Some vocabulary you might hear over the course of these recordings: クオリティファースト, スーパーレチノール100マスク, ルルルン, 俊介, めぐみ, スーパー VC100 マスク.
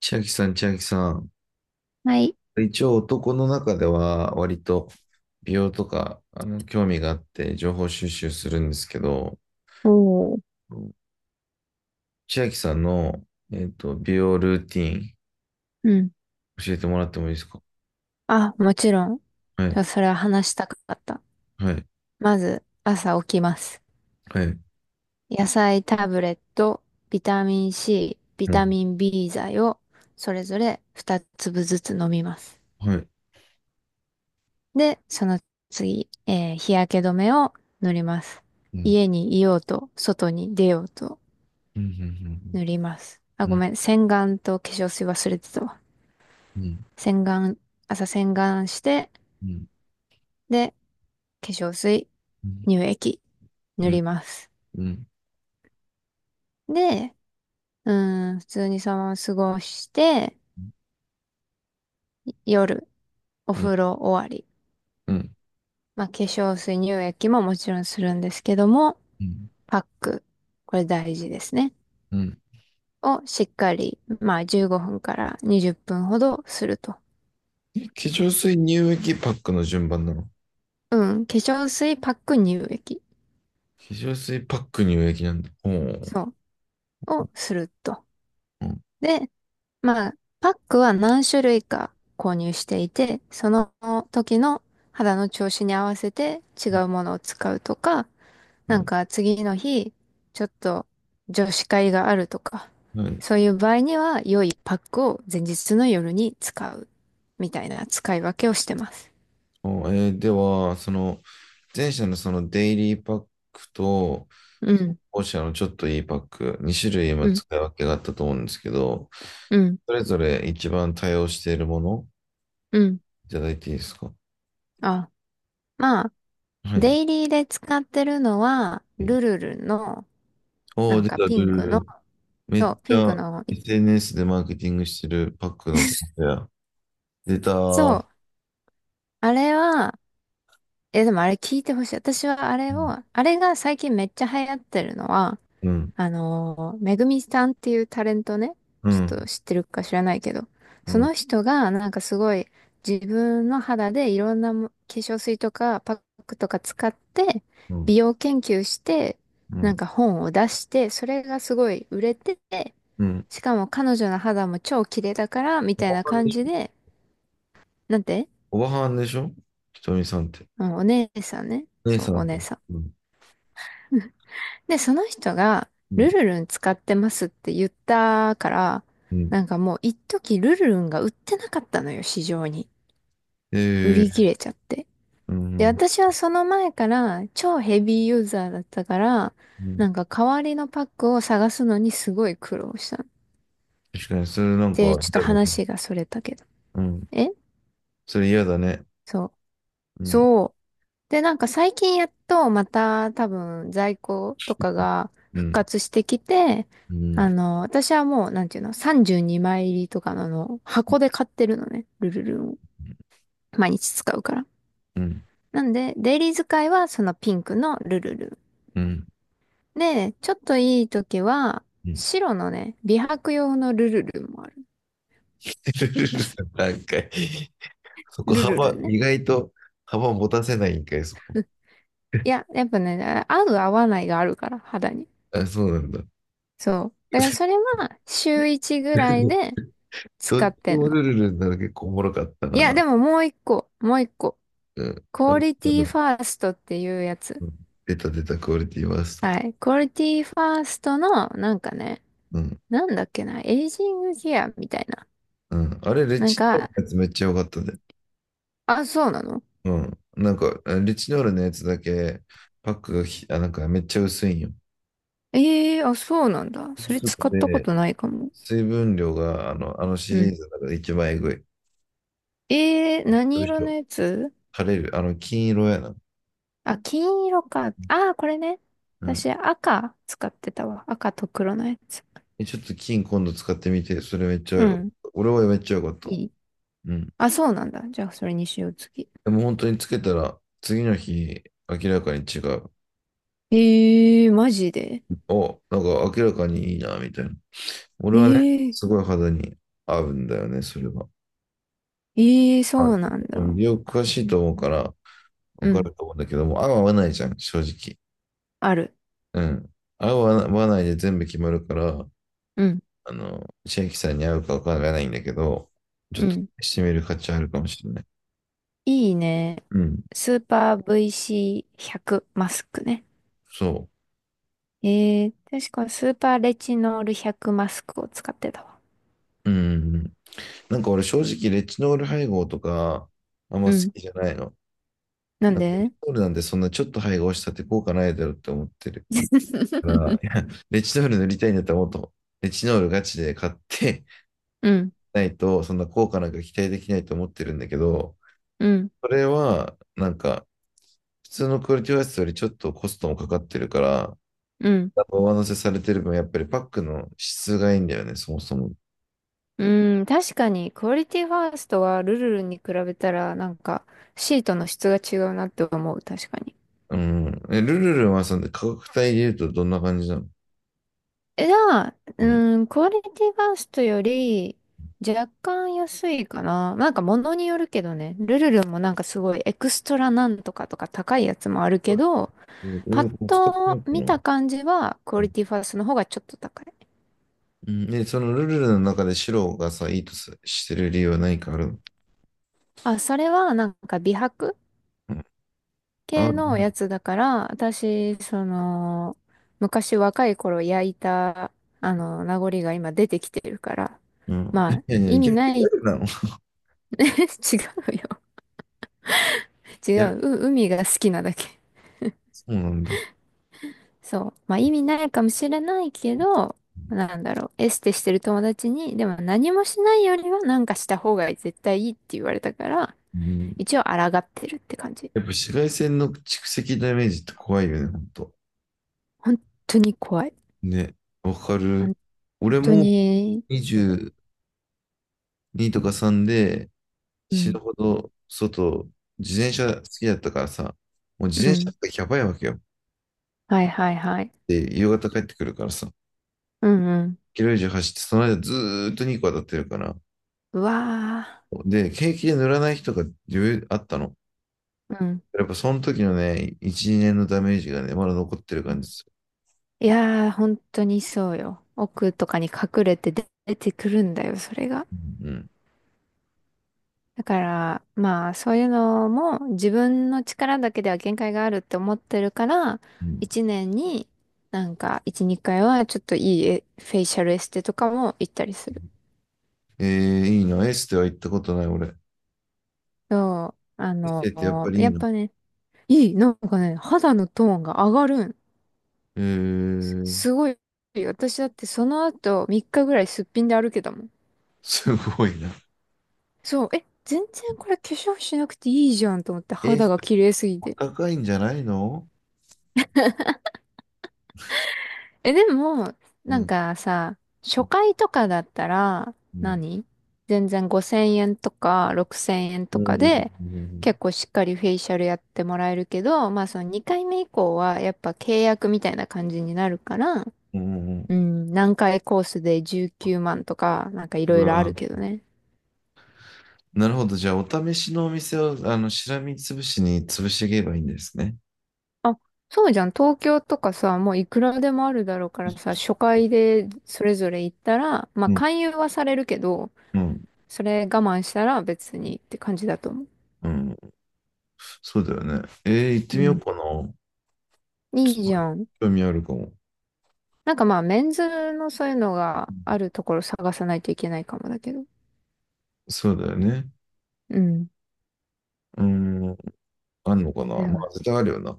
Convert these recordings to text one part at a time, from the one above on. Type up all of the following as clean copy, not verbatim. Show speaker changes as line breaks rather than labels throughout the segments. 千秋さん、千秋さん。
はい。
一応男の中では割と美容とか興味があって情報収集するんですけど、
おー。
千秋さんの、美容ルーティン
うん。
教えてもらってもいいですか？
あ、もちろん。じ
は
ゃ
い、
あそれは話したかった。
はい、
まず、朝起きます。
はい、
野菜タブレット、ビタミン C、ビ
う
タ
ん、
ミン B 剤を、それぞれ2粒ずつ飲みます。
はい、
で、その次、日焼け止めを塗ります。
うん、
家にいようと、外に出ようと
うん、
塗ります。あ、
うん、
ご
うん、
めん、洗顔と化粧水忘れてたわ。
うん、
洗顔、朝洗顔して、
うん、
で、化粧水、
うん、
乳液、
う
塗り
ん、
ます。
うん、
で、普通にそのまま過ごして、夜、お
うん、
風呂終わり。
う
まあ、化粧水、乳液ももちろんするんですけども、
ん。
パック、これ大事ですね。
うん。
をしっかり、まあ、15分から20分ほどすると。
え、化粧水乳液パックの順番なの？化
うん、化粧水、パック、乳液。
粧水パック乳液なんだ。おー。
そう、をすると。
うん。
で、まあ、パックは何種類か購入していて、その時の肌の調子に合わせて違うものを使うとか、
は
なん
い。
か次の日、ちょっと女子会があるとか、
はい。
そういう場合には良いパックを前日の夜に使うみたいな使い分けをしてます。
おでは、その、前者のそのデイリーパックと、
うん、
後者のちょっといいパック、2種類
う
今
ん、
使い分けがあったと思うんですけど、
うん、
それぞれ一番対応しているもの、
うん。
いただいていいですか？
あ、まあ、
はい。
デイリーで使ってるのは、ルルルの、
お
な
ー、
ん
出
か
た、ル
ピン
ル
クの、
ル。めっ
そう、
ち
ピンク
ゃ
の、
SNS でマーケティングしてるパックの方や。出た
そ
ー。
うあれは、え、でもあれ聞いてほしい。私はあ
う
れ
ん、
を、あれが最近めっちゃ流行ってるのは、
うん、
めぐみさんっていうタレントね、
う
ちょっと
ん、
知ってるか知らないけど、そ
う
の人がなんかすごい自分の肌でいろんなも化粧水とかパックとか使って
ん、
美容研究して、
う
なん
ん、
か本を出して、それがすごい売れてて、
うん。
しかも彼女の肌も超綺麗だから、み
お
たい
ば
な
はんで
感
し
じ
ょ？
で、なんて、
おばはんでしょ？ひとみさんって。
うん、お姉さんね。
姉
そう、
さ
お
んか。
姉さ
うん、
ん。で、その人が、
う
ルルルン使ってますって言ったから、な
ん、
んかもう一時ルルルンが売ってなかったのよ、市場に。売
え
り切
え、
れちゃって。
う
で、
ん、
私はその前から超ヘビーユーザーだったから、
う
な
ん。
んか代わりのパックを探すのにすごい苦労したの。
確かに、それなんか
で、ちょっと
嫌だね。
話がそれたけど。
うん。
え
それ嫌だね。
そう。
うん、
そう。で、なんか最近やっとまた多分在庫とかが
う
復
ん、
活してきて、
うん、
あの、私はもう、なんていうの、32枚入りとかの、あの箱で買ってるのね。ルルルンを。毎日使うから。
うん、
なんで、デイリー使いはそのピンクのルルル
うん。
ン。で、ちょっといい時は、
うん。
白のね、美白用のルルルンもある。
なんか、そこ
ルルル
幅、
ンね。
意外と幅持たせないんかい、そこ。
いや、やっぱね、合う合わないがあるから、肌に。
あ、そうなんだ。
そう。だからそれは週1ぐらい で
ど
使
っ
っ
ち
てん
も
の。
ルルルになる結構おもろかった
いや、で
な。
ももう一個、もう一個。
うん。
クオ
う
リティファーストっていうやつ。
ん、出た出た、クオリティワースト。
はい。クオリティファーストの、なんかね、
うん。
なんだっけな、エイジングケアみたいな。
うん。あれ、レッ
なん
チリ
か、
のやつめっちゃ良かったね。
あ、そうなの
うん。なんか、リチノールのやつだけ、パックがあ、なんかめっちゃ薄いんよ。
ええー、あ、そうなんだ。それ
薄く
使ったこ
て
とないかも。
水分量が、あのシ
う
リー
ん。
ズのかで一番えぐい。
ええー、何
よいし
色の
ょ。
やつ
枯れる。あの、金色やな。
あ、金色か。ああ、これね。
うん。
私、赤使ってたわ。赤と黒のやつ。
え、ちょっと金今度使ってみて、それめっちゃ
う
よ、
ん。
俺はめっちゃよかった。
いい。
うん。
あ、そうなんだ。じゃあ、それにしよう、次。
でも本当につけたら、次の日、明らかに違う。
ええー、マジで。
お、なんか明らかにいいな、みたいな。俺
え
はね、
えー
すごい肌に合うんだよね、それは。
ええ、そ
は
うなん
い。うん、
だ。
美容詳しいと思うから、
う
わか
ん。
ると思うんだけども、合う合わないじゃん、正直。
ある。
うん。合う合わないで全部決まるから、
うん。
あの、千秋さんに合うかわからないんだけど、ちょ
う
っと
ん。
試してみる価値あるかもしれない。
いいね。
うん。
スーパー VC100 マスクね。
そ
ええ、確かスーパーレチノール100マスクを使ってたわ。
う。うん。なんか俺正直、レチノール配合とか、あん
う
ま好
ん。
きじゃないの。
なん
なんかレ
で
チノールなんてそんなちょっと配合したって効果ないだろうって思ってるか ら、いや、レチノール塗りたいんだったらもっと、レチノールガチで買って
うん。
ないと、そんな効果なんか期待できないと思ってるんだけど、
うん。
それは、なんか、普通のクオリティオアシスよりちょっとコストもかかってるから、
うん。
上乗せされてる分、やっぱりパックの質がいいんだよね、そもそも。
うん。確かに、クオリティファーストはルルルに比べたら、なんか、シートの質が違うなって思う。確かに。
うん。え、ルルルンはさで価格帯で言うとどんな感じなの？
え、じゃあ、
うん。
うん、クオリティファーストより若干安いかな。なんか物によるけどね、ルルルもなんかすごいエクストラなんとかとか高いやつもあるけど、パッ
使ってみよ
と
うか
見
な。
た感じはクオリティファーストの方がちょっと高い。
うん。で、そのルルルンの中で白がさ、いいとさしてる理由は何かあるの？
あ、それはなんか美白
うん。あ、
系のやつだから、私、その、昔若い頃焼いた、あの、名残が今出てきてるから、
うん。
まあ、
いやい
意
や、
味
逆、
ない
逆なの。 い
違うよ。違
や、
う、う、海が好きなだけ。
そうなんだ。
そう。まあ意味ないかもしれないけど、なんだろう、エステしてる友達に、でも何もしないよりはなんかした方が絶対いいって言われたから、
うん。
一応抗ってるって感じ。
やっぱ紫外線の蓄積ダメージって怖いよね、ほんと。
本当に怖い。
ね、わかる。
本
俺
当
も
に、
22とか3で
う
死ぬ
ん、
ほど外、自転車好きだったからさ、もう自
う
転車
ん。
ってやばいわけよ。
はいはいはい。
で、夕方帰ってくるからさ、
うんうん。
キロ以上走って、その間ずーっと2個当たってるから。
うわ
で、景気で塗らない人が余裕あったの。
ー。うん。
やっぱその時のね、1、2年のダメージがね、まだ残ってる
う
感
ん
じですよ。
いやー、本当にそうよ。奥とかに隠れて出てくるんだよ、それが。
うん。
だから、まあ、そういうのも自分の力だけでは限界があるって思ってるから、
うん、
一年になんか一、二回はちょっといいえフェイシャルエステとかも行ったりする。
えー、いいな。エステは行ったことない、俺。
そう、あ
エステ
の、
ってやっぱりいい
やっ
の？
ぱね、いい、なんかね、肌のトーンが上がるん。
えー、
すごい。私だってその後3日ぐらいすっぴんで歩けたもん。
すごいな。
そう、え、全然これ化粧しなくていいじゃんと思って
えー
肌が綺麗すぎて。
高いんじゃないの？
え、でも、
う
なん
ん。
かさ、
う
初
ん。
回とかだったら
うん。
何、全然5000円とか6000円
う
とか
ん。
で、結構しっかりフェイシャルやってもらえるけど、まあその2回目以降はやっぱ契約みたいな感じになるから、
う
う
ん、
ん、何回コースで19万とか、なんかい
う
ろいろあ
わ、
るけどね。
なるほど。じゃあ、お試しのお店を、あの、しらみつぶしに潰していけばいいんですね。
あ、そうじゃん。東京とかさ、もういくらでもあるだろうからさ、初回でそれぞれ行ったら、まあ
うん。
勧誘はされるけど、
うん。
それ我慢したら別にって感じだと思う。
うん。そうだよね。えー、行って
う
みよう
ん。
かな。
い
す
いじ
ごい
ゃん。
興味あるかも。
なんかまあ、メンズのそういうのがあるところ探さないといけないかもだけど。
そうだよね。
うん。
うん。あんのかな。
で
ま
も
あ、絶対あるよな。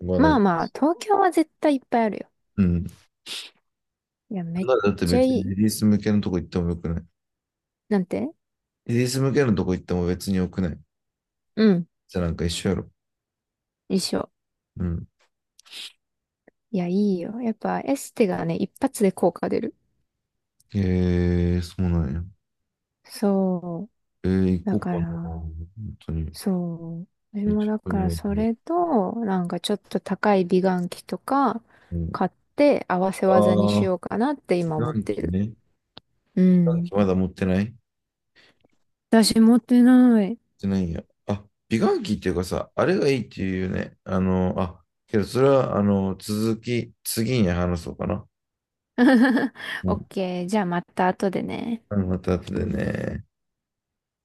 まあ、
まあまあ、東京は絶対いっぱいあるよ。
うん。
いや、めっ
なんだって
ちゃ
別
い
にレ
い。
ディース向けのとこ行ってもよくない？
なんて
レディース向けのとこ行っても別によくない？
うん。
じゃあ、なんか一緒やろ。
一緒。
うん。
いや、いいよ。やっぱエステがね、一発で効果出る。
へえー、そうなんや。
そ
えー、
う。だ
行こう
か
かな。
ら、
本当に。
そう。私
え、
も
ちょっ
だ
と
からそ
今、
れと、なんかちょっと高い美顔器とか
うん、
買って合わせ技に
あ
し
あ、
ようかなって
美
今思っ
顔
て
器
る。
ね。
う
美顔
ん。
器まだ持ってない持っ
私持ってない。
てないんや。あ、美顔器っていうかさ、あれがいいっていうよね。あの、あ、けどそれは、あの、次に話そうかな。う
オッ
ん。
ケー。じゃあまた後でね。
あのまた後でね。